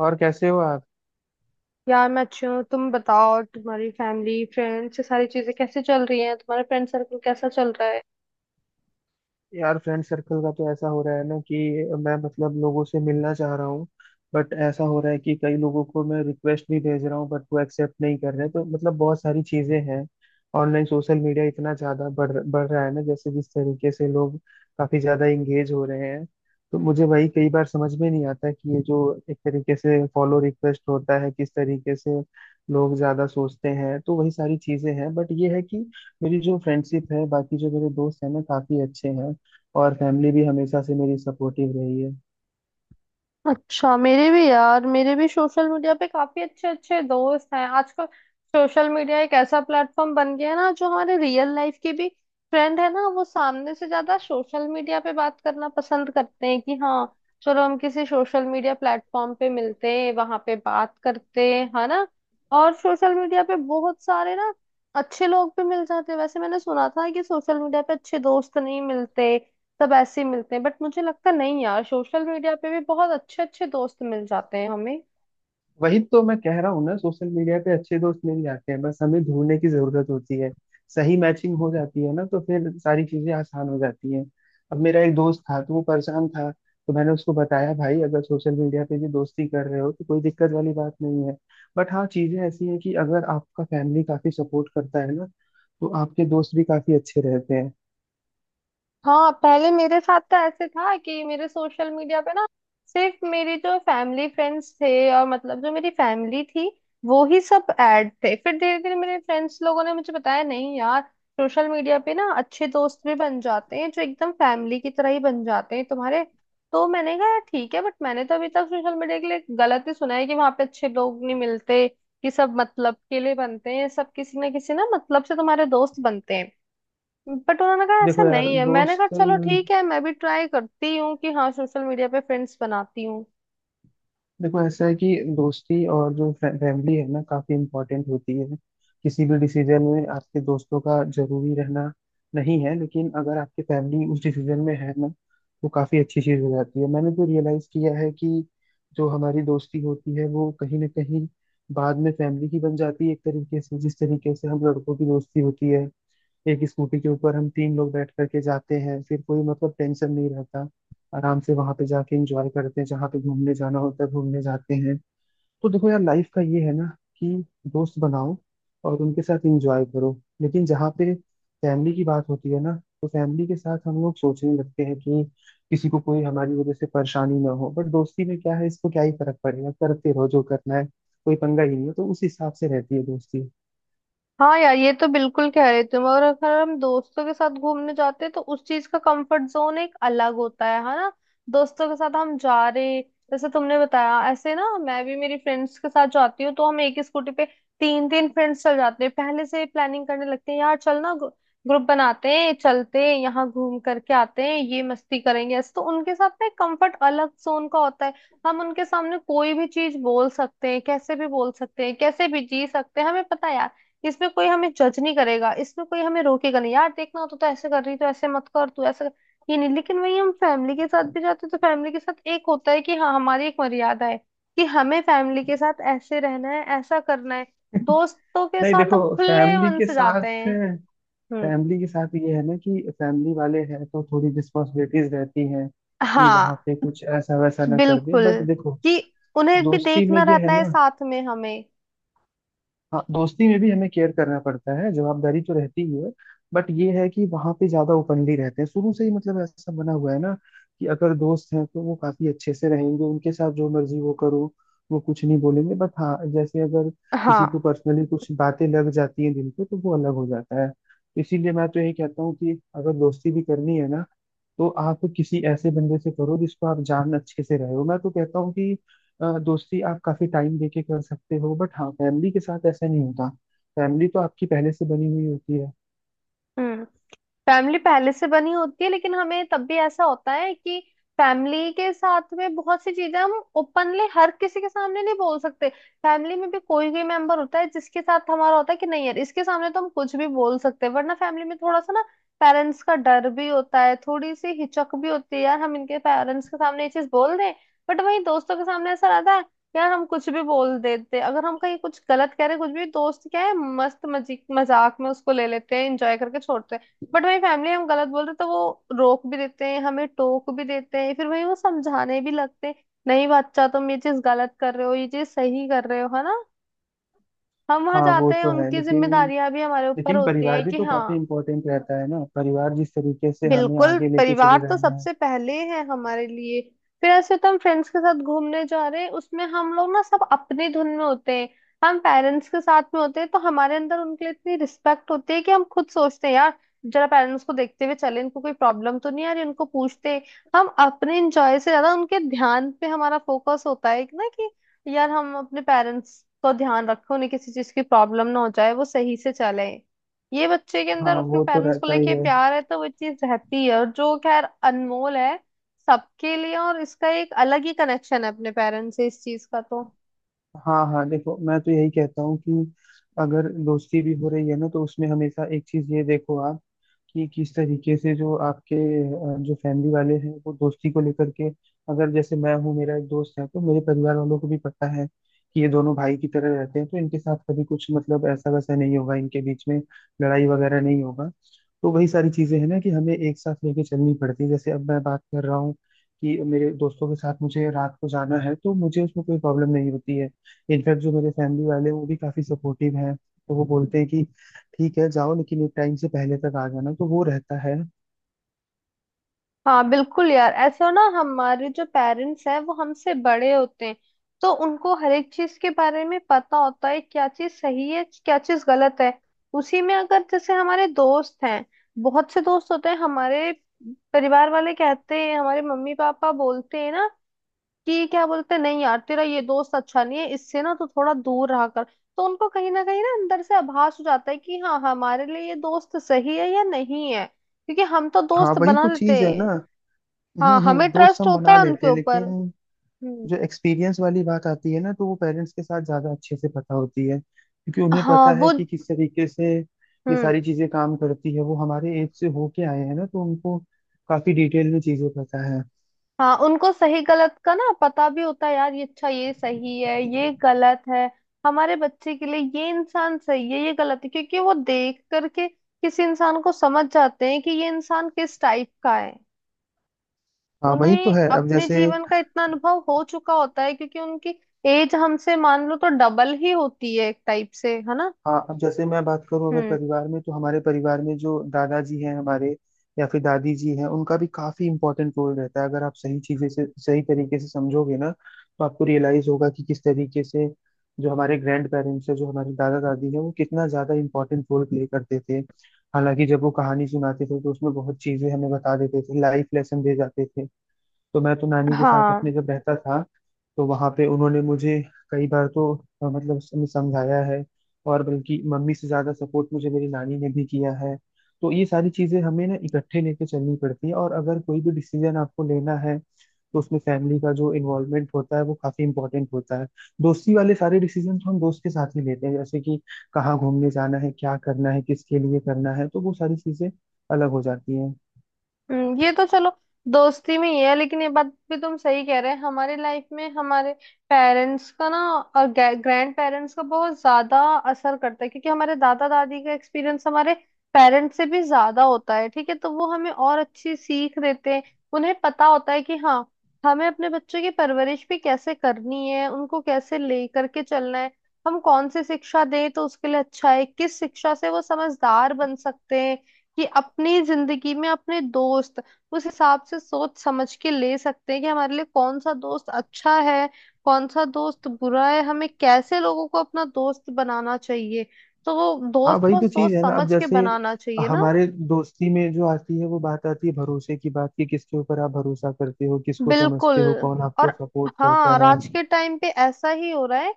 और कैसे हो आप। यार मैं अच्छी हूँ। तुम बताओ, तुम्हारी फैमिली, फ्रेंड्स, ये सारी चीजें कैसे चल रही हैं? तुम्हारा फ्रेंड सर्कल कैसा चल रहा है? यार फ्रेंड सर्कल का तो ऐसा हो रहा है ना कि मैं मतलब लोगों से मिलना चाह रहा हूँ। बट ऐसा हो रहा है कि कई लोगों को मैं रिक्वेस्ट भी भेज रहा हूँ, बट वो एक्सेप्ट नहीं कर रहे, तो मतलब बहुत सारी चीजें हैं। ऑनलाइन सोशल मीडिया इतना ज्यादा बढ़ बढ़ रहा है ना, जैसे जिस तरीके से लोग काफी ज्यादा इंगेज हो रहे हैं। तो मुझे भाई कई बार समझ में नहीं आता कि ये जो एक तरीके से फॉलो रिक्वेस्ट होता है, किस तरीके से लोग ज्यादा सोचते हैं, तो वही सारी चीजें हैं। बट ये है कि मेरी जो फ्रेंडशिप है, बाकी जो मेरे दोस्त हैं ना काफी अच्छे हैं, और फैमिली भी हमेशा से मेरी सपोर्टिव रही है। अच्छा, मेरे भी यार, मेरे भी सोशल मीडिया पे काफी अच्छे अच्छे दोस्त हैं आजकल। सोशल मीडिया एक ऐसा प्लेटफॉर्म बन गया है ना जो हमारे रियल लाइफ के भी फ्रेंड है ना, वो सामने से ज्यादा सोशल मीडिया पे बात करना पसंद करते हैं कि हाँ, चलो हम किसी सोशल मीडिया प्लेटफॉर्म पे मिलते हैं, वहां पे बात करते हैं, है ना। और सोशल मीडिया पे बहुत सारे ना अच्छे लोग भी मिल जाते हैं। वैसे मैंने सुना था कि सोशल मीडिया पे अच्छे दोस्त नहीं मिलते, सब ऐसे ही मिलते हैं, बट मुझे लगता नहीं यार, सोशल मीडिया पे भी बहुत अच्छे अच्छे दोस्त मिल जाते हैं हमें। वही तो मैं कह रहा हूँ ना, सोशल मीडिया पे अच्छे दोस्त मिल जाते हैं, बस हमें ढूंढने की जरूरत होती है। सही मैचिंग हो जाती है ना तो फिर सारी चीजें आसान हो जाती हैं। अब मेरा एक दोस्त था तो वो परेशान था, तो मैंने उसको बताया भाई अगर सोशल मीडिया पे भी दोस्ती कर रहे हो तो कोई दिक्कत वाली बात नहीं है। बट हाँ, चीजें ऐसी हैं कि अगर आपका फैमिली काफी सपोर्ट करता है ना तो आपके दोस्त भी काफी अच्छे रहते हैं। हाँ, पहले मेरे साथ तो ऐसे था कि मेरे सोशल मीडिया पे ना सिर्फ मेरी जो फैमिली फ्रेंड्स थे और मतलब जो मेरी फैमिली थी, वो ही सब ऐड थे। फिर धीरे धीरे मेरे फ्रेंड्स लोगों ने मुझे बताया, नहीं यार, सोशल मीडिया पे ना अच्छे दोस्त भी बन जाते हैं जो एकदम फैमिली की तरह ही बन जाते हैं तुम्हारे। तो मैंने कहा "यार, ठीक है, बट मैंने तो अभी तक सोशल मीडिया के लिए गलत ही सुना है कि वहां पे अच्छे लोग नहीं मिलते, कि सब मतलब के लिए बनते हैं, सब किसी ना मतलब से तुम्हारे दोस्त बनते हैं।" बट उन्होंने कहा ऐसा देखो यार नहीं है। मैंने कहा दोस्त, चलो ठीक है, मैं भी ट्राई करती हूँ कि हाँ सोशल मीडिया पे फ्रेंड्स बनाती हूँ। देखो ऐसा है कि दोस्ती और जो फैमिली है ना काफी इम्पोर्टेंट होती है। किसी भी डिसीजन में आपके दोस्तों का जरूरी रहना नहीं है, लेकिन अगर आपकी फैमिली उस डिसीजन में है ना तो काफी अच्छी चीज हो जाती है। मैंने तो रियलाइज किया है कि जो हमारी दोस्ती होती है वो कहीं ना कहीं बाद में फैमिली की बन जाती है, एक तरीके से। जिस तरीके से हम लड़कों की दोस्ती होती है, एक स्कूटी के ऊपर हम तीन लोग बैठ करके जाते हैं, फिर कोई मतलब टेंशन नहीं रहता, आराम से वहां पे जाके एंजॉय करते हैं, जहाँ पे घूमने जाना होता है घूमने जाते हैं। तो देखो यार लाइफ का ये है ना कि दोस्त बनाओ और उनके साथ एंजॉय करो, लेकिन जहाँ पे फैमिली की बात होती है ना तो फैमिली के साथ हम लोग सोचने लगते हैं कि किसी को कोई हमारी वजह से परेशानी ना हो। बट दोस्ती में क्या है, इसको क्या ही फर्क पड़ेगा, करते रहो जो करना है, कोई पंगा ही नहीं है, तो उस हिसाब से रहती है दोस्ती। हाँ यार, ये तो बिल्कुल कह रहे तुम। और अगर हम दोस्तों के साथ घूमने जाते हैं तो उस चीज का कंफर्ट जोन एक अलग होता है ना। दोस्तों के साथ हम जा रहे जैसे तुमने बताया, ऐसे ना मैं भी मेरी फ्रेंड्स के साथ जाती हूँ तो हम एक ही स्कूटी पे तीन तीन फ्रेंड्स चल जाते हैं, पहले से प्लानिंग करने लगते हैं यार चल ना, ग्रुप बनाते हैं चलते हैं, यहाँ घूम करके आते हैं ये मस्ती करेंगे, ऐसे तो उनके साथ ना एक कंफर्ट अलग जोन का होता है। हम उनके सामने कोई भी चीज बोल सकते हैं, कैसे भी बोल सकते हैं, कैसे भी जी सकते हैं। हमें पता है यार इसमें कोई हमें जज नहीं करेगा, इसमें कोई हमें रोकेगा नहीं यार, देखना तो ऐसे कर रही तो ऐसे मत कर, तू ऐसे कर, ये नहीं। लेकिन वही हम फैमिली के साथ भी जाते हैं, तो फैमिली के साथ एक होता है कि हाँ हमारी एक मर्यादा है, कि हमें फैमिली के साथ ऐसे रहना है, ऐसा करना है। दोस्तों के नहीं साथ देखो, हम खुले फैमिली मन के से साथ जाते हैं। हम्म। फैमिली के साथ ये है ना कि फैमिली वाले हैं तो थोड़ी रिस्पॉन्सिबिलिटीज रहती हैं कि वहाँ हाँ, पे कुछ ऐसा वैसा ना कर दे। बिल्कुल। बट देखो, कि उन्हें भी दोस्ती में देखना ये है रहता है ना, साथ में हमें। हाँ दोस्ती में भी हमें केयर करना पड़ता है, जवाबदारी तो रहती ही है। बट ये है कि वहां पे ज्यादा ओपनली रहते हैं, शुरू से ही मतलब ऐसा बना हुआ है ना कि अगर दोस्त हैं तो वो काफी अच्छे से रहेंगे, उनके साथ जो मर्जी वो करो, वो कुछ नहीं बोलेंगे। बट हाँ, जैसे अगर किसी हाँ। को पर्सनली कुछ बातें लग जाती हैं दिल पे तो वो अलग हो जाता है। तो इसीलिए मैं तो यही कहता हूँ कि अगर दोस्ती भी करनी है ना तो आप किसी ऐसे बंदे से करो जिसको आप जान अच्छे से रहे हो। मैं तो कहता हूँ कि दोस्ती आप काफी टाइम देके कर सकते हो। बट हाँ, फैमिली के साथ ऐसा नहीं होता, फैमिली तो आपकी पहले से बनी हुई होती है। हम्म। फैमिली पहले से बनी होती है लेकिन हमें तब भी ऐसा होता है कि फैमिली के साथ में बहुत सी चीजें हम ओपनली हर किसी के सामने नहीं बोल सकते। फैमिली में भी कोई कोई मेंबर होता है जिसके साथ हमारा होता है कि नहीं यार, इसके सामने तो हम कुछ भी बोल सकते हैं, वरना फैमिली में थोड़ा सा ना पेरेंट्स का डर भी होता है, थोड़ी सी हिचक भी होती है यार, हम इनके पेरेंट्स के सामने ये चीज बोल दें। बट वहीं दोस्तों के सामने ऐसा रहता है, यार हम कुछ भी बोल देते हैं। अगर हम कहीं कुछ गलत कह रहे हैं, कुछ भी, दोस्त क्या है, मस्त मजी मजाक में उसको ले लेते हैं, एंजॉय करके छोड़ते हैं। बट वही फैमिली हम गलत बोलते तो वो रोक भी देते हैं, हमें टोक भी देते हैं, फिर वही वो समझाने भी लगते हैं, नहीं बच्चा तुम ये चीज गलत कर रहे हो, ये चीज सही कर रहे हो, है ना। हम वहां हाँ वो जाते हैं, तो है, उनकी लेकिन जिम्मेदारियां भी हमारे ऊपर लेकिन होती परिवार है भी कि तो हाँ। काफी इम्पोर्टेंट रहता है ना, परिवार जिस तरीके से हमें बिल्कुल, आगे लेके चल परिवार तो रहे हैं। सबसे पहले है हमारे लिए। फिर ऐसे तो हम फ्रेंड्स के साथ घूमने जा रहे हैं, उसमें हम लोग ना सब अपनी धुन में होते हैं। हम पेरेंट्स के साथ में होते हैं तो हमारे अंदर उनके लिए इतनी रिस्पेक्ट होती है कि हम खुद सोचते हैं यार, जरा पेरेंट्स को देखते हुए चले, इनको कोई प्रॉब्लम तो नहीं आ रही, उनको पूछते हैं। हम अपने इंजॉय से ज्यादा उनके ध्यान पे हमारा फोकस होता है कि ना कि यार हम अपने पेरेंट्स को ध्यान रखें, उन्हें किसी चीज की प्रॉब्लम ना हो जाए, वो सही से चले। ये बच्चे के हाँ अंदर अपने वो तो पेरेंट्स को रहता ही लेके है। प्यार है तो वो चीज रहती है और जो खैर अनमोल है सबके लिए, और इसका एक अलग ही कनेक्शन है अपने पेरेंट्स से इस चीज का तो। हाँ हाँ, देखो मैं तो यही कहता हूँ कि अगर दोस्ती भी हो रही है ना तो उसमें हमेशा एक चीज ये देखो आप, कि किस तरीके से जो आपके जो फैमिली वाले हैं वो दोस्ती को लेकर के। अगर जैसे मैं हूँ, मेरा एक दोस्त है तो मेरे परिवार वालों को भी पता है कि ये दोनों भाई की तरह रहते हैं, तो इनके साथ कभी कुछ मतलब ऐसा वैसा नहीं होगा, इनके बीच में लड़ाई वगैरह नहीं होगा। तो वही सारी चीजें हैं ना कि हमें एक साथ लेके चलनी पड़ती है। जैसे अब मैं बात कर रहा हूँ कि मेरे दोस्तों के साथ मुझे रात को जाना है, तो मुझे उसमें कोई प्रॉब्लम नहीं होती है, इनफैक्ट जो मेरे फैमिली वाले हैं वो भी काफी सपोर्टिव हैं, तो वो बोलते हैं कि ठीक है जाओ, लेकिन एक टाइम से पहले तक आ जाना, तो वो रहता है। हाँ बिल्कुल यार, ऐसा ना हमारे जो पेरेंट्स हैं वो हमसे बड़े होते हैं, तो उनको हर एक चीज के बारे में पता होता है क्या चीज सही है क्या चीज गलत है। उसी में अगर जैसे हमारे दोस्त हैं, बहुत से दोस्त होते हैं हमारे, परिवार वाले कहते हैं, हमारे मम्मी पापा बोलते हैं ना, कि क्या बोलते हैं, नहीं यार तेरा ये दोस्त अच्छा नहीं है, इससे ना तू थोड़ा दूर रहा कर। तो उनको कहीं ना अंदर से आभास हो जाता है कि हाँ हमारे लिए ये दोस्त सही है या नहीं है, क्योंकि हम तो हाँ दोस्त वही बना तो लेते चीज है ना। हैं। हाँ, हम्म, हमें दोस्त ट्रस्ट हम होता बना है उनके लेते हैं ऊपर। लेकिन हम्म। जो एक्सपीरियंस वाली बात आती है ना, तो वो पेरेंट्स के साथ ज्यादा अच्छे से पता होती है, क्योंकि उन्हें हाँ। पता वो। है कि किस तरीके से ये हम्म। सारी चीजें काम करती है। वो हमारे एज से होके आए हैं ना, तो उनको काफी डिटेल में चीजें पता है। हाँ, उनको सही गलत का ना पता भी होता है यार, ये अच्छा ये सही है ये गलत है, हमारे बच्चे के लिए ये इंसान सही है ये गलत है, क्योंकि वो देख करके किसी इंसान को समझ जाते हैं कि ये इंसान किस टाइप का है। हाँ वही तो उन्हें है। अपने जीवन का इतना अनुभव हो चुका होता है क्योंकि उनकी एज हमसे मान लो तो डबल ही होती है एक टाइप से, है ना। अब जैसे मैं बात करूँ, अगर हम्म। परिवार में, तो हमारे परिवार में जो दादाजी हैं हमारे, या फिर दादी जी हैं, उनका भी काफी इंपॉर्टेंट रोल रहता है। अगर आप सही चीजें से सही तरीके से समझोगे ना तो आपको रियलाइज होगा कि किस तरीके से जो हमारे ग्रैंड पेरेंट्स हैं, जो हमारे दादा दादी हैं, वो कितना ज्यादा इंपॉर्टेंट रोल प्ले करते थे। हालांकि जब वो कहानी सुनाते थे तो उसमें बहुत चीजें हमें बता देते थे, लाइफ लेसन दे जाते थे। तो मैं तो नानी के साथ हाँ। अपने जब रहता था, तो वहां पे उन्होंने मुझे कई बार तो मतलब समझाया है। और बल्कि मम्मी से ज्यादा सपोर्ट मुझे मेरी नानी ने भी किया है। तो ये सारी चीजें हमें ना इकट्ठे लेके चलनी पड़ती है, और अगर कोई भी डिसीजन आपको लेना है तो उसमें फैमिली का जो इन्वॉल्वमेंट होता है वो काफी इंपॉर्टेंट होता है। दोस्ती वाले सारे डिसीजन तो हम दोस्त के साथ ही लेते हैं, जैसे कि कहाँ घूमने जाना है, क्या करना है, किसके लिए करना है, तो वो सारी चीजें अलग हो जाती हैं। ये तो चलो दोस्ती में ही है, लेकिन ये बात भी तुम सही कह रहे हैं। हमारे लाइफ में हमारे पेरेंट्स का ना और ग्रैंड पेरेंट्स का बहुत ज्यादा असर करता है, क्योंकि हमारे दादा दादी का एक्सपीरियंस हमारे पेरेंट्स से भी ज्यादा होता है, ठीक है, तो वो हमें और अच्छी सीख देते हैं। उन्हें पता होता है कि हाँ हमें अपने बच्चों की परवरिश भी कैसे करनी है, उनको कैसे ले करके चलना है, हम कौन सी शिक्षा दें तो उसके लिए अच्छा है, किस शिक्षा से वो समझदार बन सकते हैं, कि अपनी जिंदगी में अपने दोस्त उस हिसाब से सोच समझ के ले सकते हैं कि हमारे लिए कौन सा दोस्त अच्छा है, कौन सा दोस्त बुरा है, हमें कैसे लोगों को अपना दोस्त बनाना चाहिए। तो वो हाँ दोस्त वही को तो सोच चीज है ना। अब समझ के जैसे बनाना चाहिए ना। हमारे दोस्ती में जो आती है वो बात आती है भरोसे की, बात कि किसके ऊपर आप भरोसा करते हो, किसको बिल्कुल। समझते हो, कौन और आपको सपोर्ट हाँ, करता और है। आज के टाइम पे ऐसा ही हो रहा है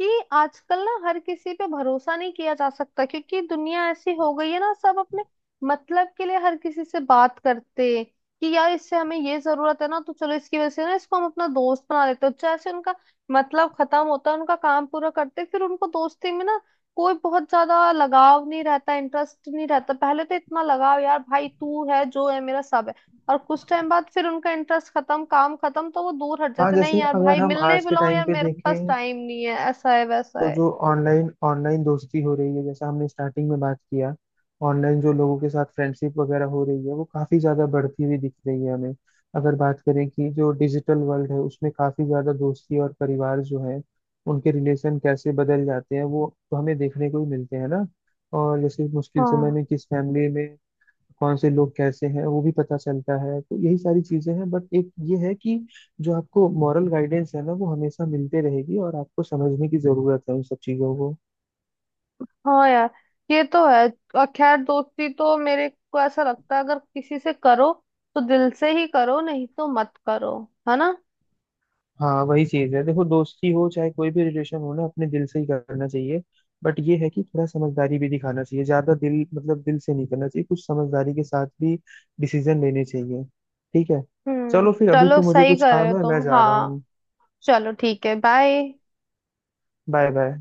कि आजकल ना हर किसी पे भरोसा नहीं किया जा सकता, क्योंकि दुनिया ऐसी हो गई है ना, सब अपने मतलब के लिए हर किसी से बात करते हैं, कि यार इससे हमें ये जरूरत है ना तो चलो इसकी वजह से ना इसको हम अपना दोस्त बना लेते हैं, जैसे उनका मतलब खत्म होता है, उनका काम पूरा करते फिर उनको दोस्ती में ना कोई बहुत ज्यादा लगाव नहीं रहता, इंटरेस्ट नहीं रहता। पहले तो इतना लगाव यार, भाई तू है जो है मेरा सब है, और कुछ टाइम बाद फिर उनका इंटरेस्ट खत्म काम खत्म तो वो दूर हट हाँ जाते, नहीं जैसे यार भाई अगर हम मिलने आज के बुलाओ टाइम यार पे मेरे पास देखें टाइम नहीं है, ऐसा है वैसा तो है। जो ऑनलाइन ऑनलाइन दोस्ती हो रही है, जैसा हमने स्टार्टिंग में बात किया, ऑनलाइन जो लोगों के साथ फ्रेंडशिप वगैरह हो रही है वो काफी ज्यादा बढ़ती हुई दिख रही है हमें। अगर बात करें कि जो डिजिटल वर्ल्ड है, उसमें काफी ज्यादा दोस्ती और परिवार जो है, उनके रिलेशन कैसे बदल जाते हैं, वो तो हमें देखने को ही मिलते हैं ना। और जैसे मुश्किल समय हाँ में किस फैमिली में कौन से लोग कैसे हैं वो भी पता चलता है, तो यही सारी चीजें हैं। बट एक ये है कि जो आपको मॉरल गाइडेंस है ना, वो हमेशा मिलते रहेगी, और आपको समझने की जरूरत है उन सब चीजों को। हाँ यार, ये तो है। और खैर दोस्ती तो मेरे को ऐसा लगता है अगर किसी से करो तो दिल से ही करो, नहीं तो मत करो, है ना। हाँ वही चीज है, देखो दोस्ती हो चाहे कोई भी रिलेशन हो ना, अपने दिल से ही करना चाहिए। बट ये है कि थोड़ा समझदारी भी दिखाना चाहिए, ज्यादा दिल मतलब दिल से नहीं करना चाहिए, कुछ समझदारी के साथ भी डिसीजन लेने चाहिए। ठीक है, हम्म, चलो फिर अभी चलो तो मुझे सही कुछ कर रहे हो काम है, मैं तुम। जा रहा हाँ, हूँ। चलो ठीक है, बाय। Bye bye.